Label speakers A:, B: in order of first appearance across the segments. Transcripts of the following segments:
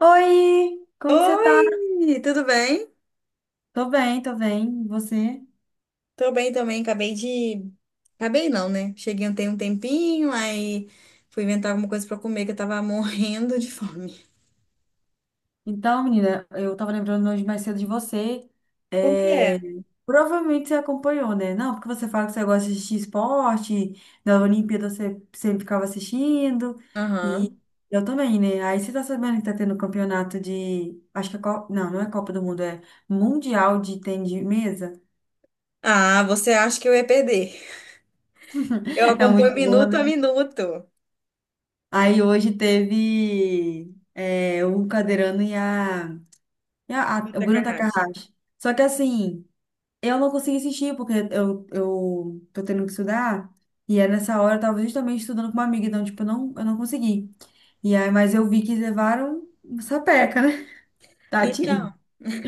A: Oi, como que você tá?
B: Oi, tudo bem?
A: Tô bem, tô bem. E você?
B: Tô bem também, Acabei não, né? Cheguei ontem um tempinho, aí fui inventar alguma coisa pra comer que eu tava morrendo de fome.
A: Então, menina, eu tava lembrando hoje mais cedo de você.
B: Por quê?
A: É, Provavelmente você acompanhou, né? Não, porque você fala que você gosta de assistir esporte, na Olimpíada você sempre ficava assistindo, e
B: Aham.
A: eu também, né? Aí você tá sabendo que tá tendo campeonato de. Acho que é Copa. Não, não é Copa do Mundo, é Mundial de Tênis de Mesa.
B: Ah, você acha que eu ia perder? Eu
A: É
B: acompanho
A: muito bom,
B: minuto a
A: né?
B: minuto.
A: Aí hoje teve o Cadeirano e a. E a- a-
B: No
A: o Bruno
B: Takahashi.
A: Takahashi. Só que assim, eu não consegui assistir, porque eu tô tendo que estudar. E é nessa hora eu tava justamente estudando com uma amiga, então, tipo, eu não consegui. E aí, mas eu vi que levaram uma sapeca, né?
B: Então,
A: Tadinho.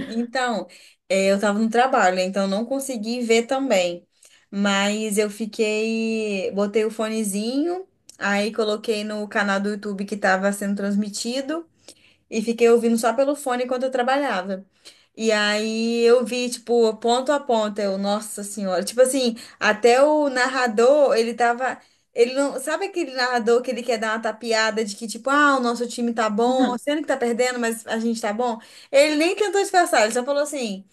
B: então, é, eu tava no trabalho, né? Então eu não consegui ver também. Mas eu fiquei, botei o fonezinho, aí coloquei no canal do YouTube que tava sendo transmitido. E fiquei ouvindo só pelo fone enquanto eu trabalhava. E aí eu vi, tipo, ponto a ponto, eu, nossa senhora. Tipo assim, até o narrador, ele tava. Ele não. Sabe aquele narrador que ele quer dar uma tapeada de que, tipo, ah, o nosso time tá bom, sendo que tá perdendo, mas a gente tá bom? Ele nem tentou disfarçar, ele só falou assim: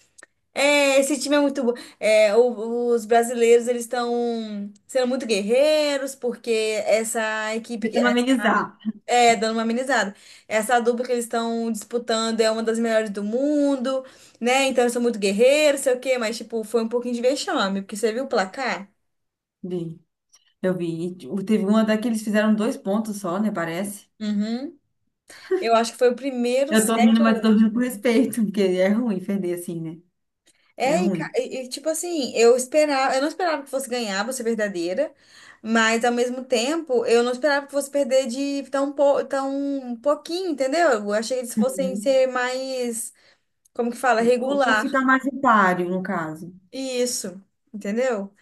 B: é, esse time é muito bom. É, os brasileiros, eles estão sendo muito guerreiros, porque essa equipe.
A: Tentando amenizar.
B: É, dando uma amenizada. Essa dupla que eles estão disputando é uma das melhores do mundo, né? Então eu sou muito guerreiro, sei o quê, mas, tipo, foi um pouquinho de vexame, porque você viu o placar?
A: Vi, eu vi. E, tipo, teve uma até que eles fizeram dois pontos só, né? Parece.
B: Uhum. Eu acho que foi o primeiro
A: Eu tô
B: set
A: rindo, mas eu
B: ou
A: tô
B: oito.
A: rindo com respeito, porque é ruim perder assim, né? É ruim.
B: Tipo assim, eu esperava, eu não esperava que fosse ganhar, vou ser verdadeira, mas ao mesmo tempo, eu não esperava que fosse perder de tão pouquinho, entendeu? Eu achei que eles fossem
A: Uhum.
B: ser mais, como que fala,
A: Ou
B: regular.
A: ficar mais em páreo, no caso.
B: Isso, entendeu?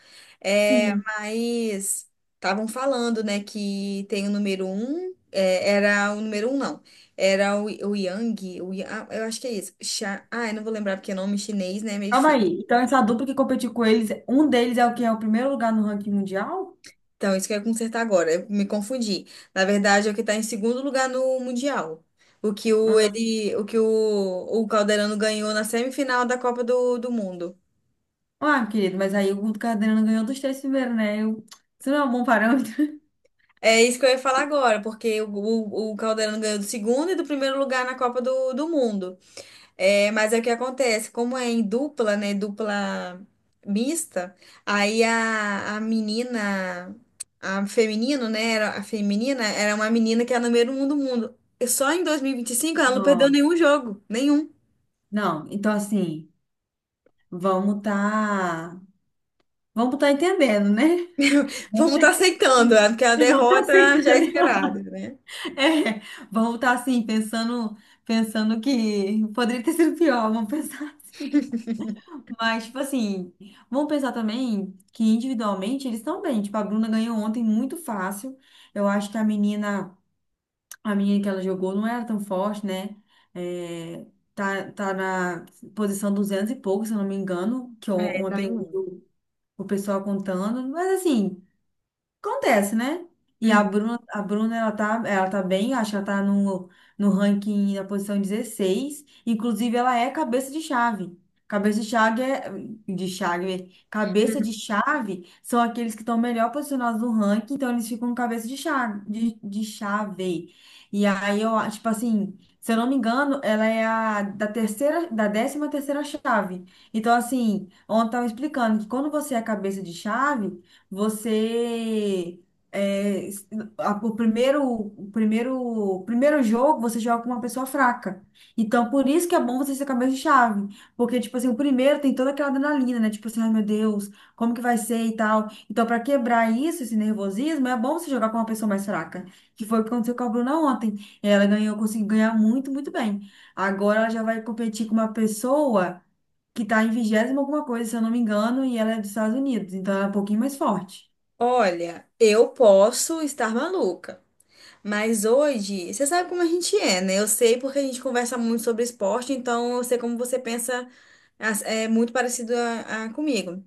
B: É,
A: Sim.
B: mas estavam falando, né, que tem o número 1, é, era o número 1, não. Era o Yang, o, eu acho que é isso. Eu não vou lembrar porque é nome chinês, né? É meio
A: Calma
B: difícil.
A: aí. Então, essa dupla que competiu com eles, um deles é o que é o primeiro lugar no ranking mundial?
B: Então, isso que eu ia consertar agora. Eu me confundi. Na verdade, é o que está em segundo lugar no Mundial. O que o, ele, o, que o Calderano ganhou na semifinal da Copa do Mundo.
A: Ah, querido, mas aí o Cardenas ganhou dos três primeiros, né? Eu. Isso não é um bom parâmetro.
B: É isso que eu ia falar agora, porque o Calderano ganhou do segundo e do primeiro lugar na Copa do Mundo. É, mas é o que acontece, como é em dupla, né, dupla mista, aí a menina, a feminino, né, era, a feminina era uma menina que era número 1 do mundo. E só em dois mil e vinte e cinco ela não perdeu
A: Ó,
B: nenhum jogo, nenhum.
A: não, então assim, vamos tá. Vamos tá entendendo, né? Vamos
B: Vamos
A: tá
B: estar aceitando, né, porque a
A: vamos tá
B: derrota já é
A: aceitando.
B: esperada, né?
A: É, vamos tá assim, pensando que poderia ter sido pior, vamos pensar assim. Mas, tipo assim, vamos pensar também que individualmente eles estão bem. Tipo, a Bruna ganhou ontem muito fácil. Eu acho que a menina que ela jogou não era tão forte, né? É, tá na posição 200 e pouco, se eu não me engano, que
B: É,
A: on-
B: tá
A: ontem
B: em um.
A: o pessoal contando. Mas, assim. Acontece, né? E a
B: Hum.
A: Bruna, a Bruna, ela tá bem, acho que ela tá no ranking na posição 16. Inclusive, ela é cabeça de chave. Cabeça de chave é, Cabeça de chave são aqueles que estão melhor posicionados no ranking, então eles ficam cabeça de chave, de chave. E aí eu acho, tipo assim, se eu não me engano, ela é a da terceira, da 13ª chave. Então, assim, ontem eu tava explicando que quando você é cabeça de chave, você é, s- o primeiro jogo você joga com uma pessoa fraca. Então, por isso que é bom você ser cabeça de chave. Porque, tipo assim, o primeiro tem toda aquela adrenalina, né? Tipo assim, ai meu Deus, como que vai ser e tal. Então, para quebrar isso, esse nervosismo, é bom você jogar com uma pessoa mais fraca. Que foi o que aconteceu com a Bruna ontem. Ela ganhou, conseguiu ganhar muito, muito bem. Agora ela já vai competir com uma pessoa que tá em vigésima alguma coisa, se eu não me engano, e ela é dos Estados Unidos, então ela é um pouquinho mais forte.
B: Olha, eu posso estar maluca. Mas hoje, você sabe como a gente é, né? Eu sei porque a gente conversa muito sobre esporte, então eu sei como você pensa as- é muito parecido a comigo.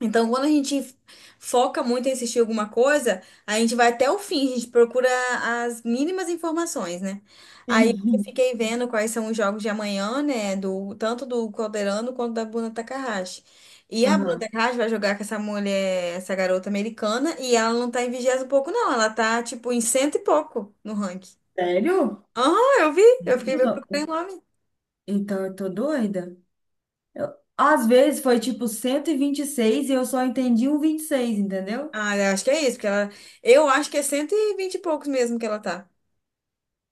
B: Então, quando a gente foca muito em assistir alguma coisa, a gente vai até o fim, a gente procura as mínimas informações, né? Aí eu
A: Sim.
B: fiquei vendo quais são os jogos de amanhã, né? Do, tanto do Calderano quanto da Bruna Takahashi. E a Bruna
A: Aham.
B: Takahashi vai jogar com essa mulher, essa garota americana, e ela não tá em vigésimo e pouco, não. Ela tá, tipo, em cento e pouco no ranking.
A: Sério?
B: Aham, eu vi. Eu fiquei,
A: Gente, eu
B: eu procurei
A: tô-.
B: o nome.
A: Então eu tô doida. Eu-, às vezes foi tipo cento e vinte e seis e eu só entendi um 26, entendeu?
B: Ah, eu acho que é isso, porque ela. Eu acho que é cento e vinte e poucos mesmo que ela tá.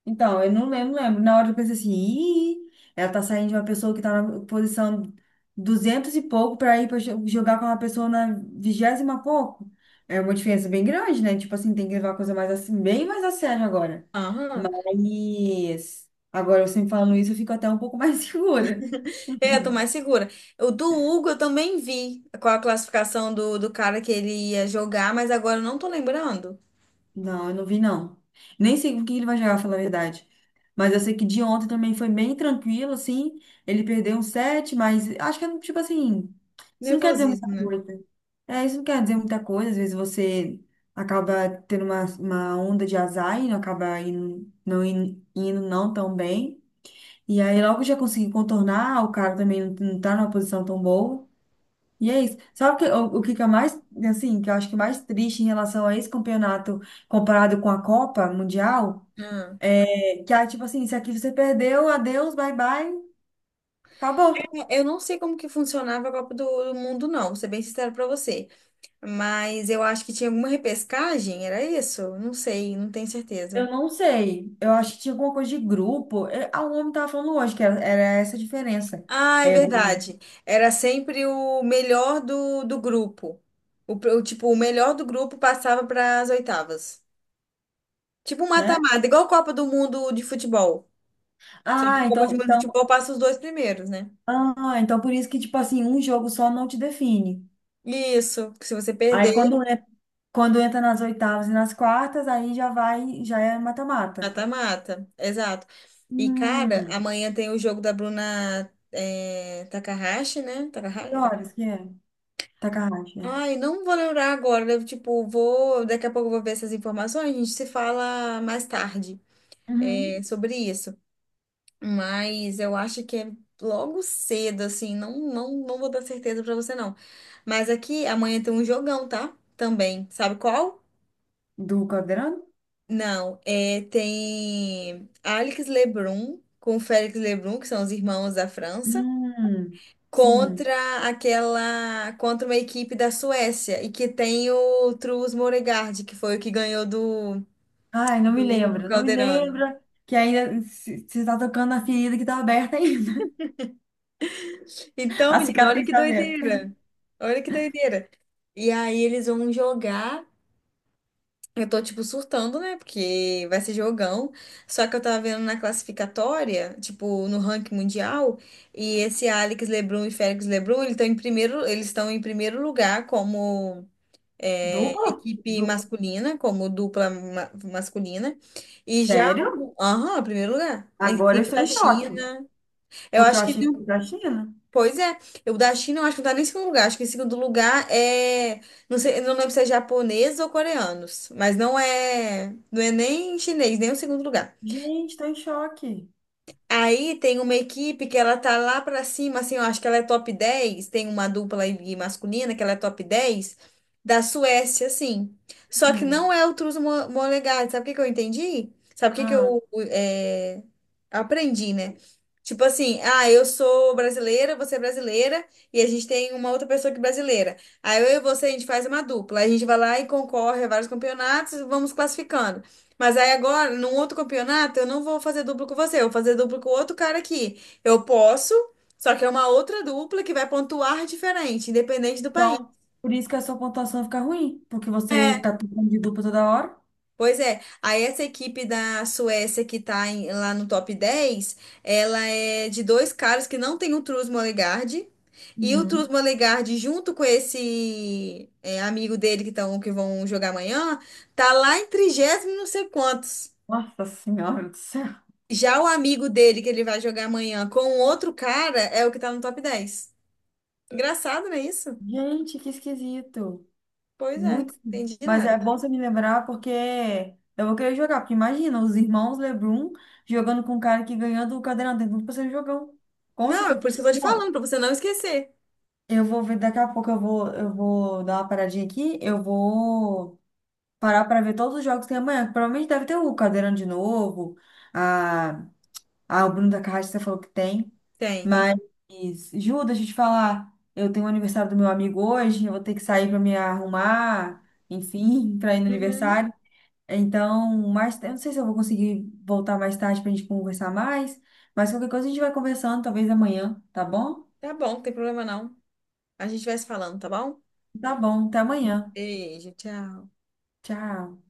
A: Então, eu não lembro, não lembro. Na hora eu pensei assim, ih, ela tá saindo de uma pessoa que tá na posição 200 e pouco pra ir pra jogar com uma pessoa na vigésima pouco. É uma diferença bem grande, né? Tipo assim, tem que levar a coisa mais assim, bem mais a sério agora.
B: Aham.
A: Mas agora você me falando isso, eu fico até um pouco mais segura.
B: É, eu tô mais segura. O do Hugo eu também vi qual a classificação do cara que ele ia jogar, mas agora eu não tô lembrando.
A: Não, eu não vi, não. Nem sei o que ele vai jogar, pra falar a verdade. Mas eu sei que de ontem também foi bem tranquilo, assim. Ele perdeu um set, mas acho que é tipo assim. Isso não quer dizer muita
B: Nervosismo, né?
A: coisa. É, isso não quer dizer muita coisa. Às vezes você acaba tendo uma onda de azar e não acaba indo não, indo não tão bem. E aí logo já consegui contornar, o cara também não tá numa posição tão boa. E é isso. Sabe o que que é mais, assim, que eu acho que é mais triste em relação a esse campeonato comparado com a Copa Mundial?
B: Ah.
A: É que, ah, tipo assim, se aqui você perdeu, adeus, bye bye, acabou.
B: É, eu não sei como que funcionava a Copa do Mundo, não, vou ser bem sincero pra você. Mas eu acho que tinha alguma repescagem, era isso? Não sei, não tenho certeza.
A: Eu não sei. Eu acho que tinha alguma coisa de grupo. O homem tava falando hoje que era essa a diferença.
B: Ah, é
A: É do,
B: verdade. Era sempre o melhor do grupo. O, pr- o, tipo, o melhor do grupo passava para as oitavas. Tipo um
A: né?
B: mata-mata, igual a Copa do Mundo de futebol. Só que
A: Ah,
B: Copa
A: então,
B: de Mundo de
A: então,
B: Futebol passa os dois primeiros, né?
A: ah, então por isso que, tipo assim, um jogo só não te define.
B: Isso, que se você perder,
A: Aí quando entra nas oitavas e nas quartas, aí já vai, já é mata-mata.
B: mata-mata. Exato. E, cara,
A: Hum.
B: amanhã tem o jogo da Bruna Takahashi, né?
A: Que
B: Takahashi,
A: horas
B: Takahashi.
A: que é? Takahashi, né?
B: Ai, não vou lembrar agora. Eu, tipo, vou. Daqui a pouco eu vou ver essas informações. A gente se fala mais tarde
A: Uhum.
B: sobre isso. Mas eu acho que é logo cedo, assim. Não, não, não vou dar certeza pra você, não. Mas aqui amanhã tem um jogão, tá? Também. Sabe qual?
A: Do Caldeirão?
B: Não, é, tem Alex Lebrun com Félix Lebrun, que são os irmãos da França,
A: Hum, Sim.
B: contra aquela, contra uma equipe da Suécia e que tem o Truls Moregard, que foi o que ganhou do
A: Ai, não me
B: do Hugo
A: lembro, não me lembro.
B: Calderano.
A: Que ainda se-, você tá tocando na ferida que tá aberta ainda.
B: Então,
A: A
B: menina, olha
A: cicatriz
B: que
A: está aberta.
B: doideira. Olha que doideira. E aí eles vão jogar. Eu tô, tipo, surtando, né? Porque vai ser jogão. Só que eu tava vendo na classificatória, tipo, no ranking mundial, e esse Alex LeBron e Félix LeBron, eles estão em primeiro, eles estão em primeiro lugar como é,
A: Dupla?
B: equipe
A: Du-,
B: masculina, como dupla masculina. E já
A: sério?
B: o. Aham, primeiro lugar. Em
A: Agora eu
B: cima
A: estou
B: da
A: em choque.
B: China. Eu
A: Porque eu
B: acho que.
A: achei que foi da China.
B: Pois é, eu da China eu acho que não tá nem em segundo lugar. Acho que em segundo lugar é. Não sei, eu não lembro se é japonês ou coreanos. Mas não é. Não é nem chinês, nem o segundo lugar.
A: Gente, estou em choque.
B: Aí tem uma equipe que ela tá lá pra cima, assim, eu acho que ela é top 10. Tem uma dupla aí masculina que ela é top 10 da Suécia, assim. Só que não
A: Hum.
B: é o Molegard, sabe o que que eu entendi? Sabe o que que
A: Ah,
B: eu eh, aprendi, né? Tipo assim, ah, eu sou brasileira, você é brasileira, e a gente tem uma outra pessoa que é brasileira. Aí eu e você, a gente faz uma dupla, a gente vai lá e concorre a vários campeonatos, e vamos classificando. Mas aí agora, num outro campeonato, eu não vou fazer duplo com você, eu vou fazer duplo com outro cara aqui. Eu posso, só que é uma outra dupla que vai pontuar diferente, independente do país.
A: então, por isso que a sua pontuação fica ruim. Porque você
B: É,
A: tá tocando de dupla toda hora.
B: pois é. Aí essa equipe da Suécia que tá lá no top 10, ela é de dois caras que não tem o Truls Mollegard. E o Truls
A: Uhum.
B: Mollegard, junto com esse amigo dele que, tão, que vão jogar amanhã, tá lá em 30º não sei quantos.
A: Nossa Senhora do céu.
B: Já o amigo dele que ele vai jogar amanhã com um outro cara é o que tá no top 10. Engraçado, não é isso?
A: Gente, que esquisito.
B: Pois é, não
A: Muito,
B: entendi
A: mas é
B: nada.
A: bom você me lembrar porque eu vou querer jogar, porque imagina, os irmãos LeBron jogando com o cara que ganhou do Cadeirão, tem tudo pra ser um jogão, com
B: Não, é
A: certeza.
B: por isso que eu tô te falando,
A: Bom,
B: pra você não esquecer.
A: eu vou ver, daqui a pouco eu vou dar uma paradinha aqui, eu vou parar para ver todos os jogos que tem amanhã, que provavelmente deve ter o Cadeirão de novo, a, a o Bruno da Carrasco você falou que tem,
B: Tem, tem.
A: mas, Ju, deixa eu te falar, eu tenho o aniversário do meu amigo hoje, eu vou ter que sair para me arrumar, enfim, para ir no
B: Uhum.
A: aniversário. Então, mais, eu não sei se eu vou conseguir voltar mais tarde para a gente conversar mais, mas qualquer coisa a gente vai conversando, talvez amanhã, tá bom?
B: Tá bom, não tem problema não. A gente vai se falando, tá bom?
A: Tá bom, até amanhã.
B: Beijo, tchau.
A: Tchau.